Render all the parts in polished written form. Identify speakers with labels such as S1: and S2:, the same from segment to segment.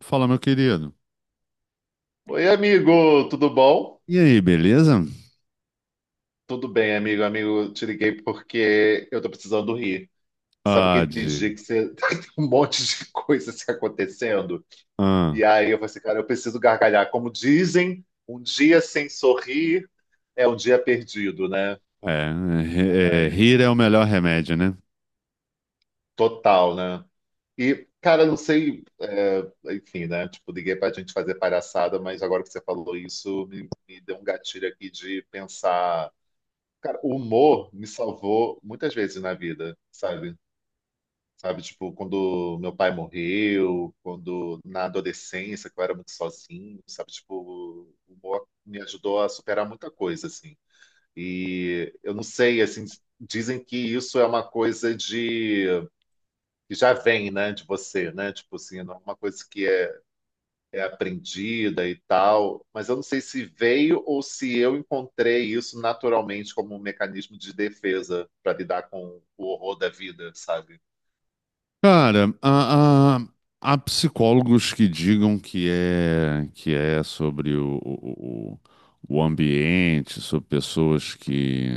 S1: Fala, meu querido.
S2: Oi, amigo, tudo bom?
S1: E aí, beleza?
S2: Tudo bem, amigo. Amigo, te liguei porque eu tô precisando rir. Sabe
S1: Ah,
S2: aquele dia
S1: de...
S2: que você tem um monte de coisa se acontecendo?
S1: Ah,
S2: E aí eu falei assim, cara, eu preciso gargalhar. Como dizem, um dia sem sorrir é um dia perdido, né?
S1: é,
S2: Aí,
S1: Rir é o melhor remédio, né?
S2: total, né? E, cara, não sei, enfim, né? Tipo, liguei pra gente fazer palhaçada, mas agora que você falou isso, me deu um gatilho aqui de pensar. Cara, o humor me salvou muitas vezes na vida, sabe? Sabe, tipo, quando meu pai morreu, quando na adolescência, que eu era muito sozinho, sabe? Tipo, o humor me ajudou a superar muita coisa, assim. E eu não sei, assim, dizem que isso é uma coisa de que já vem, né, de você, né? Tipo assim, não é uma coisa que é aprendida e tal, mas eu não sei se veio ou se eu encontrei isso naturalmente como um mecanismo de defesa para lidar com o horror da vida, sabe?
S1: Cara, há psicólogos que digam que é sobre o ambiente, sobre pessoas que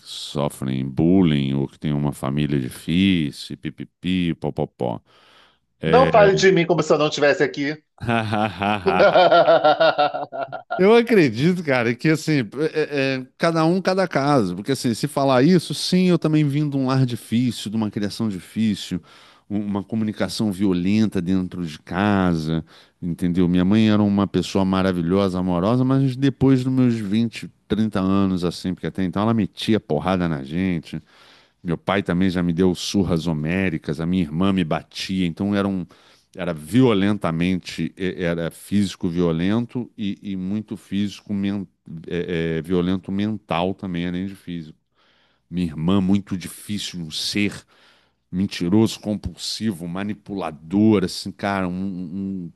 S1: sofrem bullying ou que têm uma família difícil, pipipi, popopó.
S2: Não fale de mim como se eu não estivesse aqui.
S1: Eu acredito, cara, que assim, cada um, cada caso. Porque assim, se falar isso, sim, eu também vim de um lar difícil, de uma criação difícil, uma comunicação violenta dentro de casa, entendeu? Minha mãe era uma pessoa maravilhosa, amorosa, mas depois dos meus 20, 30 anos, assim, porque até então ela metia porrada na gente, meu pai também já me deu surras homéricas, a minha irmã me batia, então era violentamente, era físico violento e muito violento mental também, além de físico. Minha irmã, muito difícil, um ser mentiroso, compulsivo, manipulador, assim, cara, um,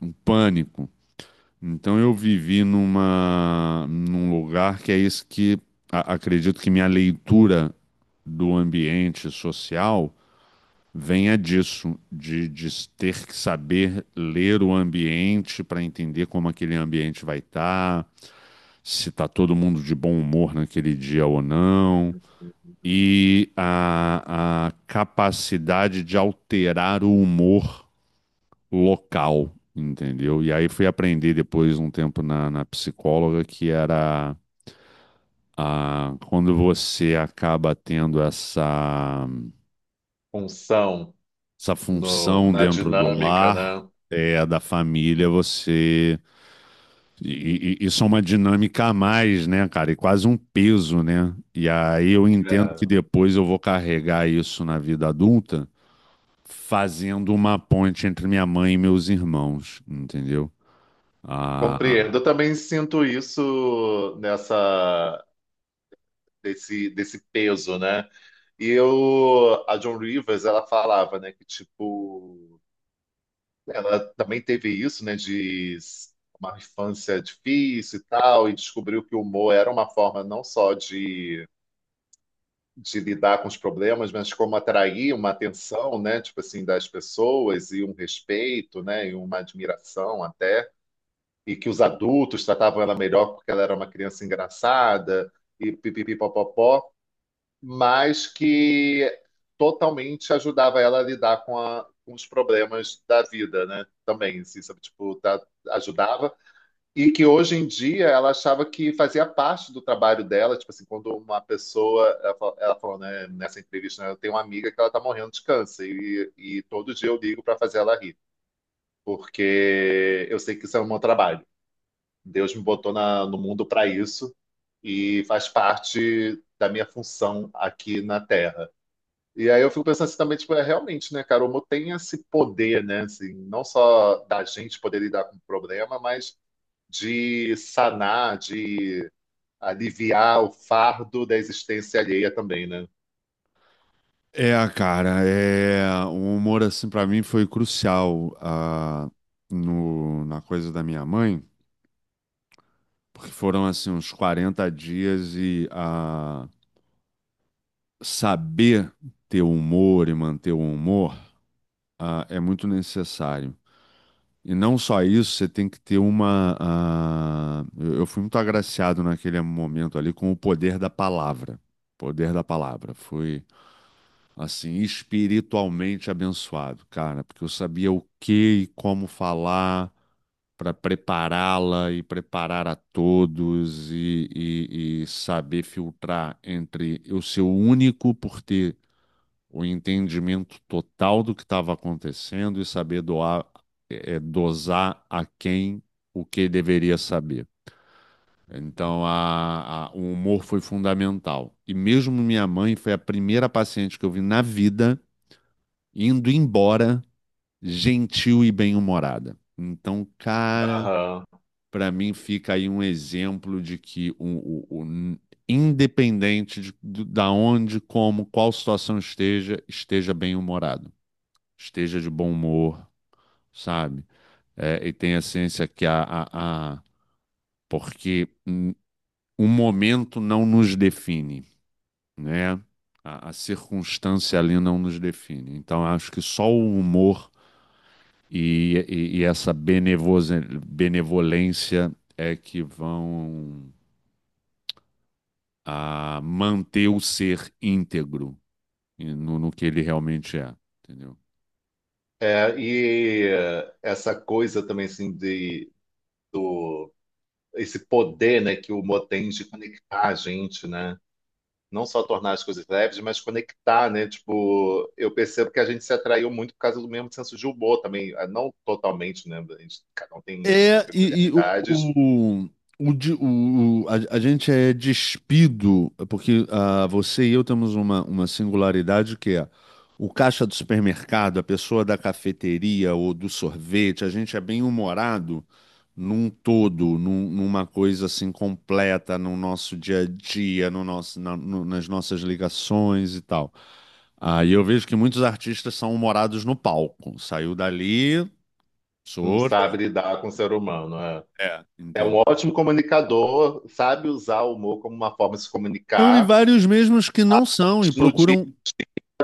S1: um, um pânico. Então eu vivi num lugar que é isso que acredito que minha leitura do ambiente social venha disso, de ter que saber ler o ambiente para entender como aquele ambiente vai estar, se está todo mundo de bom humor naquele dia ou não, e a capacidade de alterar o humor local, entendeu? E aí fui aprender depois um tempo na psicóloga que era a, quando você acaba tendo
S2: Função
S1: essa
S2: no,
S1: função
S2: na
S1: dentro do
S2: dinâmica,
S1: lar,
S2: né?
S1: é, da família, você. Isso é uma dinâmica a mais, né, cara? E quase um peso, né? E aí eu entendo que
S2: É,
S1: depois eu vou carregar isso na vida adulta, fazendo uma ponte entre minha mãe e meus irmãos, entendeu? Ah,
S2: compreendo. Eu também sinto isso nessa desse peso, né? E eu, a John Rivers, ela falava, né, que tipo, ela também teve isso, né, de uma infância difícil e tal, e descobriu que o humor era uma forma não só de lidar com os problemas, mas como atrair uma atenção, né, tipo assim, das pessoas e um respeito, né, e uma admiração até, e que os adultos tratavam ela melhor porque ela era uma criança engraçada e pipipi, mas que totalmente ajudava ela a lidar com, a- com os problemas da vida, né? Também, assim, sabe? Tipo, ajudava. E que hoje em dia ela achava que fazia parte do trabalho dela, tipo assim, quando uma pessoa, ela falou, né, nessa entrevista, né, eu tenho uma amiga que ela tá morrendo de câncer e todo dia eu ligo para fazer ela rir, porque eu sei que isso é o meu trabalho. Deus me botou no mundo para isso e faz parte da minha função aqui na Terra. E aí eu fico pensando assim também, tipo, é realmente, né, cara, o humor tem esse poder, né, assim, não só da gente poder lidar com o problema, mas de sanar, de aliviar o fardo da existência alheia também, né?
S1: É, cara, é o humor assim pra mim foi crucial, no, na coisa da minha mãe, porque foram assim uns 40 dias e, saber ter humor e manter o humor, é muito necessário. E não só isso, você tem que ter uma. Eu fui muito agraciado naquele momento ali com o poder da palavra. Poder da palavra. Foi assim, espiritualmente abençoado, cara, porque eu sabia o que e como falar para prepará-la e preparar a todos e saber filtrar entre eu ser o único por ter o entendimento total do que estava acontecendo e saber doar, dosar a quem o que deveria saber. Então, o humor foi fundamental. E mesmo minha mãe foi a primeira paciente que eu vi na vida indo embora, gentil e bem-humorada. Então, cara,
S2: Aham.
S1: para mim fica aí um exemplo de que o- o- independente da onde, como, qual situação esteja, esteja bem-humorado, esteja de bom humor, sabe? É, e tenha ciência que a- porque o momento não nos define, né? A circunstância ali não nos define. Então, acho que só o humor e essa benevolência é que vão, manter o ser íntegro e no que ele realmente é, entendeu?
S2: É, e essa coisa também, assim, de, do, esse poder, né, que o humor tem de conectar a gente, né? Não só tornar as coisas leves, mas conectar, né? Tipo, eu percebo que a gente se atraiu muito por causa do mesmo senso de humor também, ah, não totalmente, né? A gente, cada um tem as suas
S1: É, e
S2: peculiaridades,
S1: o, de- o- a gente é despido, porque, você e eu temos uma singularidade que é o caixa do supermercado, a pessoa da cafeteria ou do sorvete, a gente é bem humorado num todo, numa coisa assim completa no nosso dia a dia, no nosso, na- no- nas nossas ligações e tal. Ah, e eu vejo que muitos artistas são humorados no palco. Saiu dali, sou
S2: não
S1: outra.
S2: sabe lidar com o ser humano, né?
S1: É,
S2: É
S1: entendeu?
S2: um ótimo comunicador, sabe usar o humor como uma forma de se
S1: E
S2: comunicar,
S1: vários mesmos que não são e
S2: mas no dia
S1: procuram.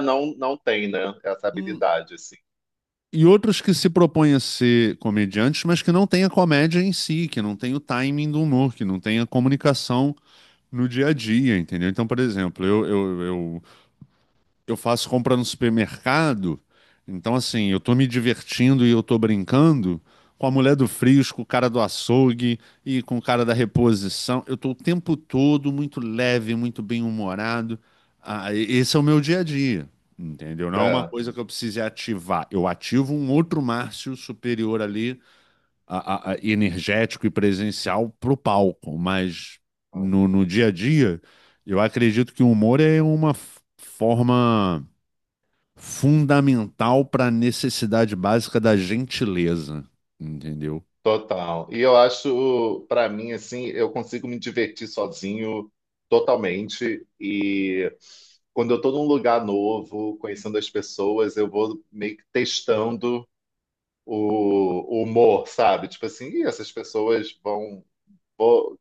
S2: não, não tem, né? Essa
S1: um
S2: habilidade, assim.
S1: E outros que se propõem a ser comediantes, mas que não têm a comédia em si, que não tem o timing do humor, que não tem a comunicação no dia a dia, entendeu? Então, por exemplo, eu faço compra no supermercado, então assim, eu tô me divertindo e eu tô brincando com a mulher do Frisco, o cara do açougue e com o cara da reposição. Eu tô o tempo todo muito leve, muito bem-humorado. Esse é o meu dia a dia, entendeu? Não é uma
S2: É,
S1: coisa que eu precise ativar. Eu ativo um outro Márcio superior ali, energético e presencial pro palco, mas
S2: é,
S1: no dia a dia, eu acredito que o humor é uma forma fundamental para a necessidade básica da gentileza, entendeu?
S2: total. E eu acho, para mim, assim, eu consigo me divertir sozinho totalmente, e quando eu tô num lugar novo, conhecendo as pessoas, eu vou meio que testando o humor, sabe? Tipo assim, "Ih, essas pessoas vão, vou-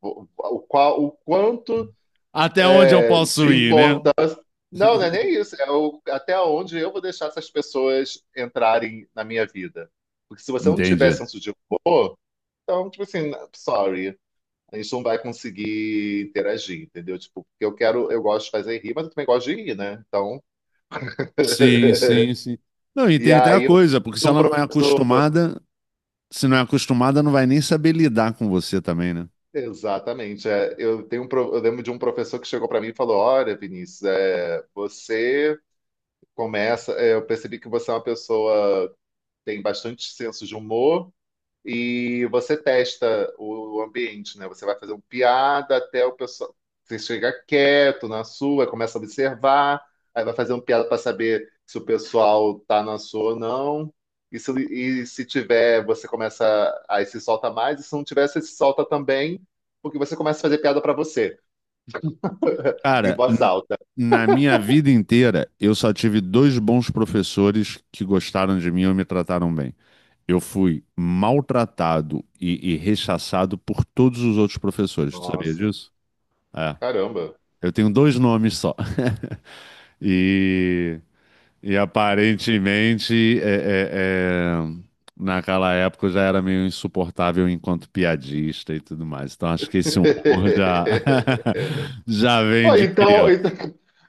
S2: o qual, o quanto
S1: Até onde eu
S2: é,
S1: posso
S2: de
S1: ir, né?
S2: importância". Não, não é nem isso. É o, até onde eu vou deixar essas pessoas entrarem na minha vida. Porque se você não tiver
S1: Entendi.
S2: senso de humor, então, tipo assim, sorry. A gente não vai conseguir interagir, entendeu? Tipo, porque eu quero, eu gosto de fazer rir, mas eu também gosto de rir, né? Então,
S1: Sim, sim, sim. Não, e
S2: e
S1: tem até a
S2: aí
S1: coisa, porque
S2: um prof-
S1: se não é acostumada, não vai nem saber lidar com você também, né?
S2: exatamente. É, eu lembro de um professor que chegou para mim e falou: "Olha, Vinícius, é, eu percebi que você é uma pessoa que tem bastante senso de humor, e você testa o ambiente, né? Você vai fazer uma piada até o pessoal. Você chega quieto na sua, começa a observar, aí vai fazer uma piada para saber se o pessoal tá na sua ou não. E se tiver, você começa. Aí se solta mais, e se não tiver, você se solta também, porque você começa a fazer piada para você, em
S1: Cara,
S2: voz alta".
S1: na minha vida inteira, eu só tive dois bons professores que gostaram de mim e me trataram bem. Eu fui maltratado e rechaçado por todos os outros professores, tu sabia
S2: Nossa,
S1: disso? É.
S2: caramba.
S1: Eu tenho dois nomes só. E, e aparentemente, é, é, é, naquela época eu já era meio insuportável enquanto piadista e tudo mais. Então acho que esse humor já, já vem
S2: Ó,
S1: de criança.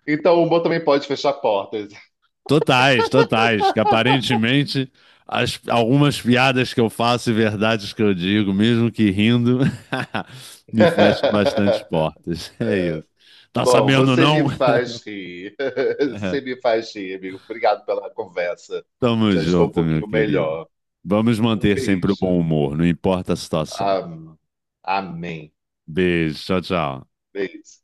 S2: então o humor também pode fechar portas.
S1: Totais, totais. Que aparentemente algumas piadas que eu faço e verdades que eu digo, mesmo que rindo, me fecham bastante portas. É isso. Tá
S2: Bom,
S1: sabendo,
S2: você
S1: não?
S2: me faz rir. Você me faz rir, amigo. Obrigado pela conversa.
S1: Tamo
S2: Já estou um
S1: junto, meu
S2: pouquinho
S1: querido.
S2: melhor.
S1: Vamos
S2: Um
S1: manter sempre o bom
S2: beijo.
S1: humor, não importa a situação.
S2: Am- Amém.
S1: Beijo, tchau, tchau.
S2: Beijo.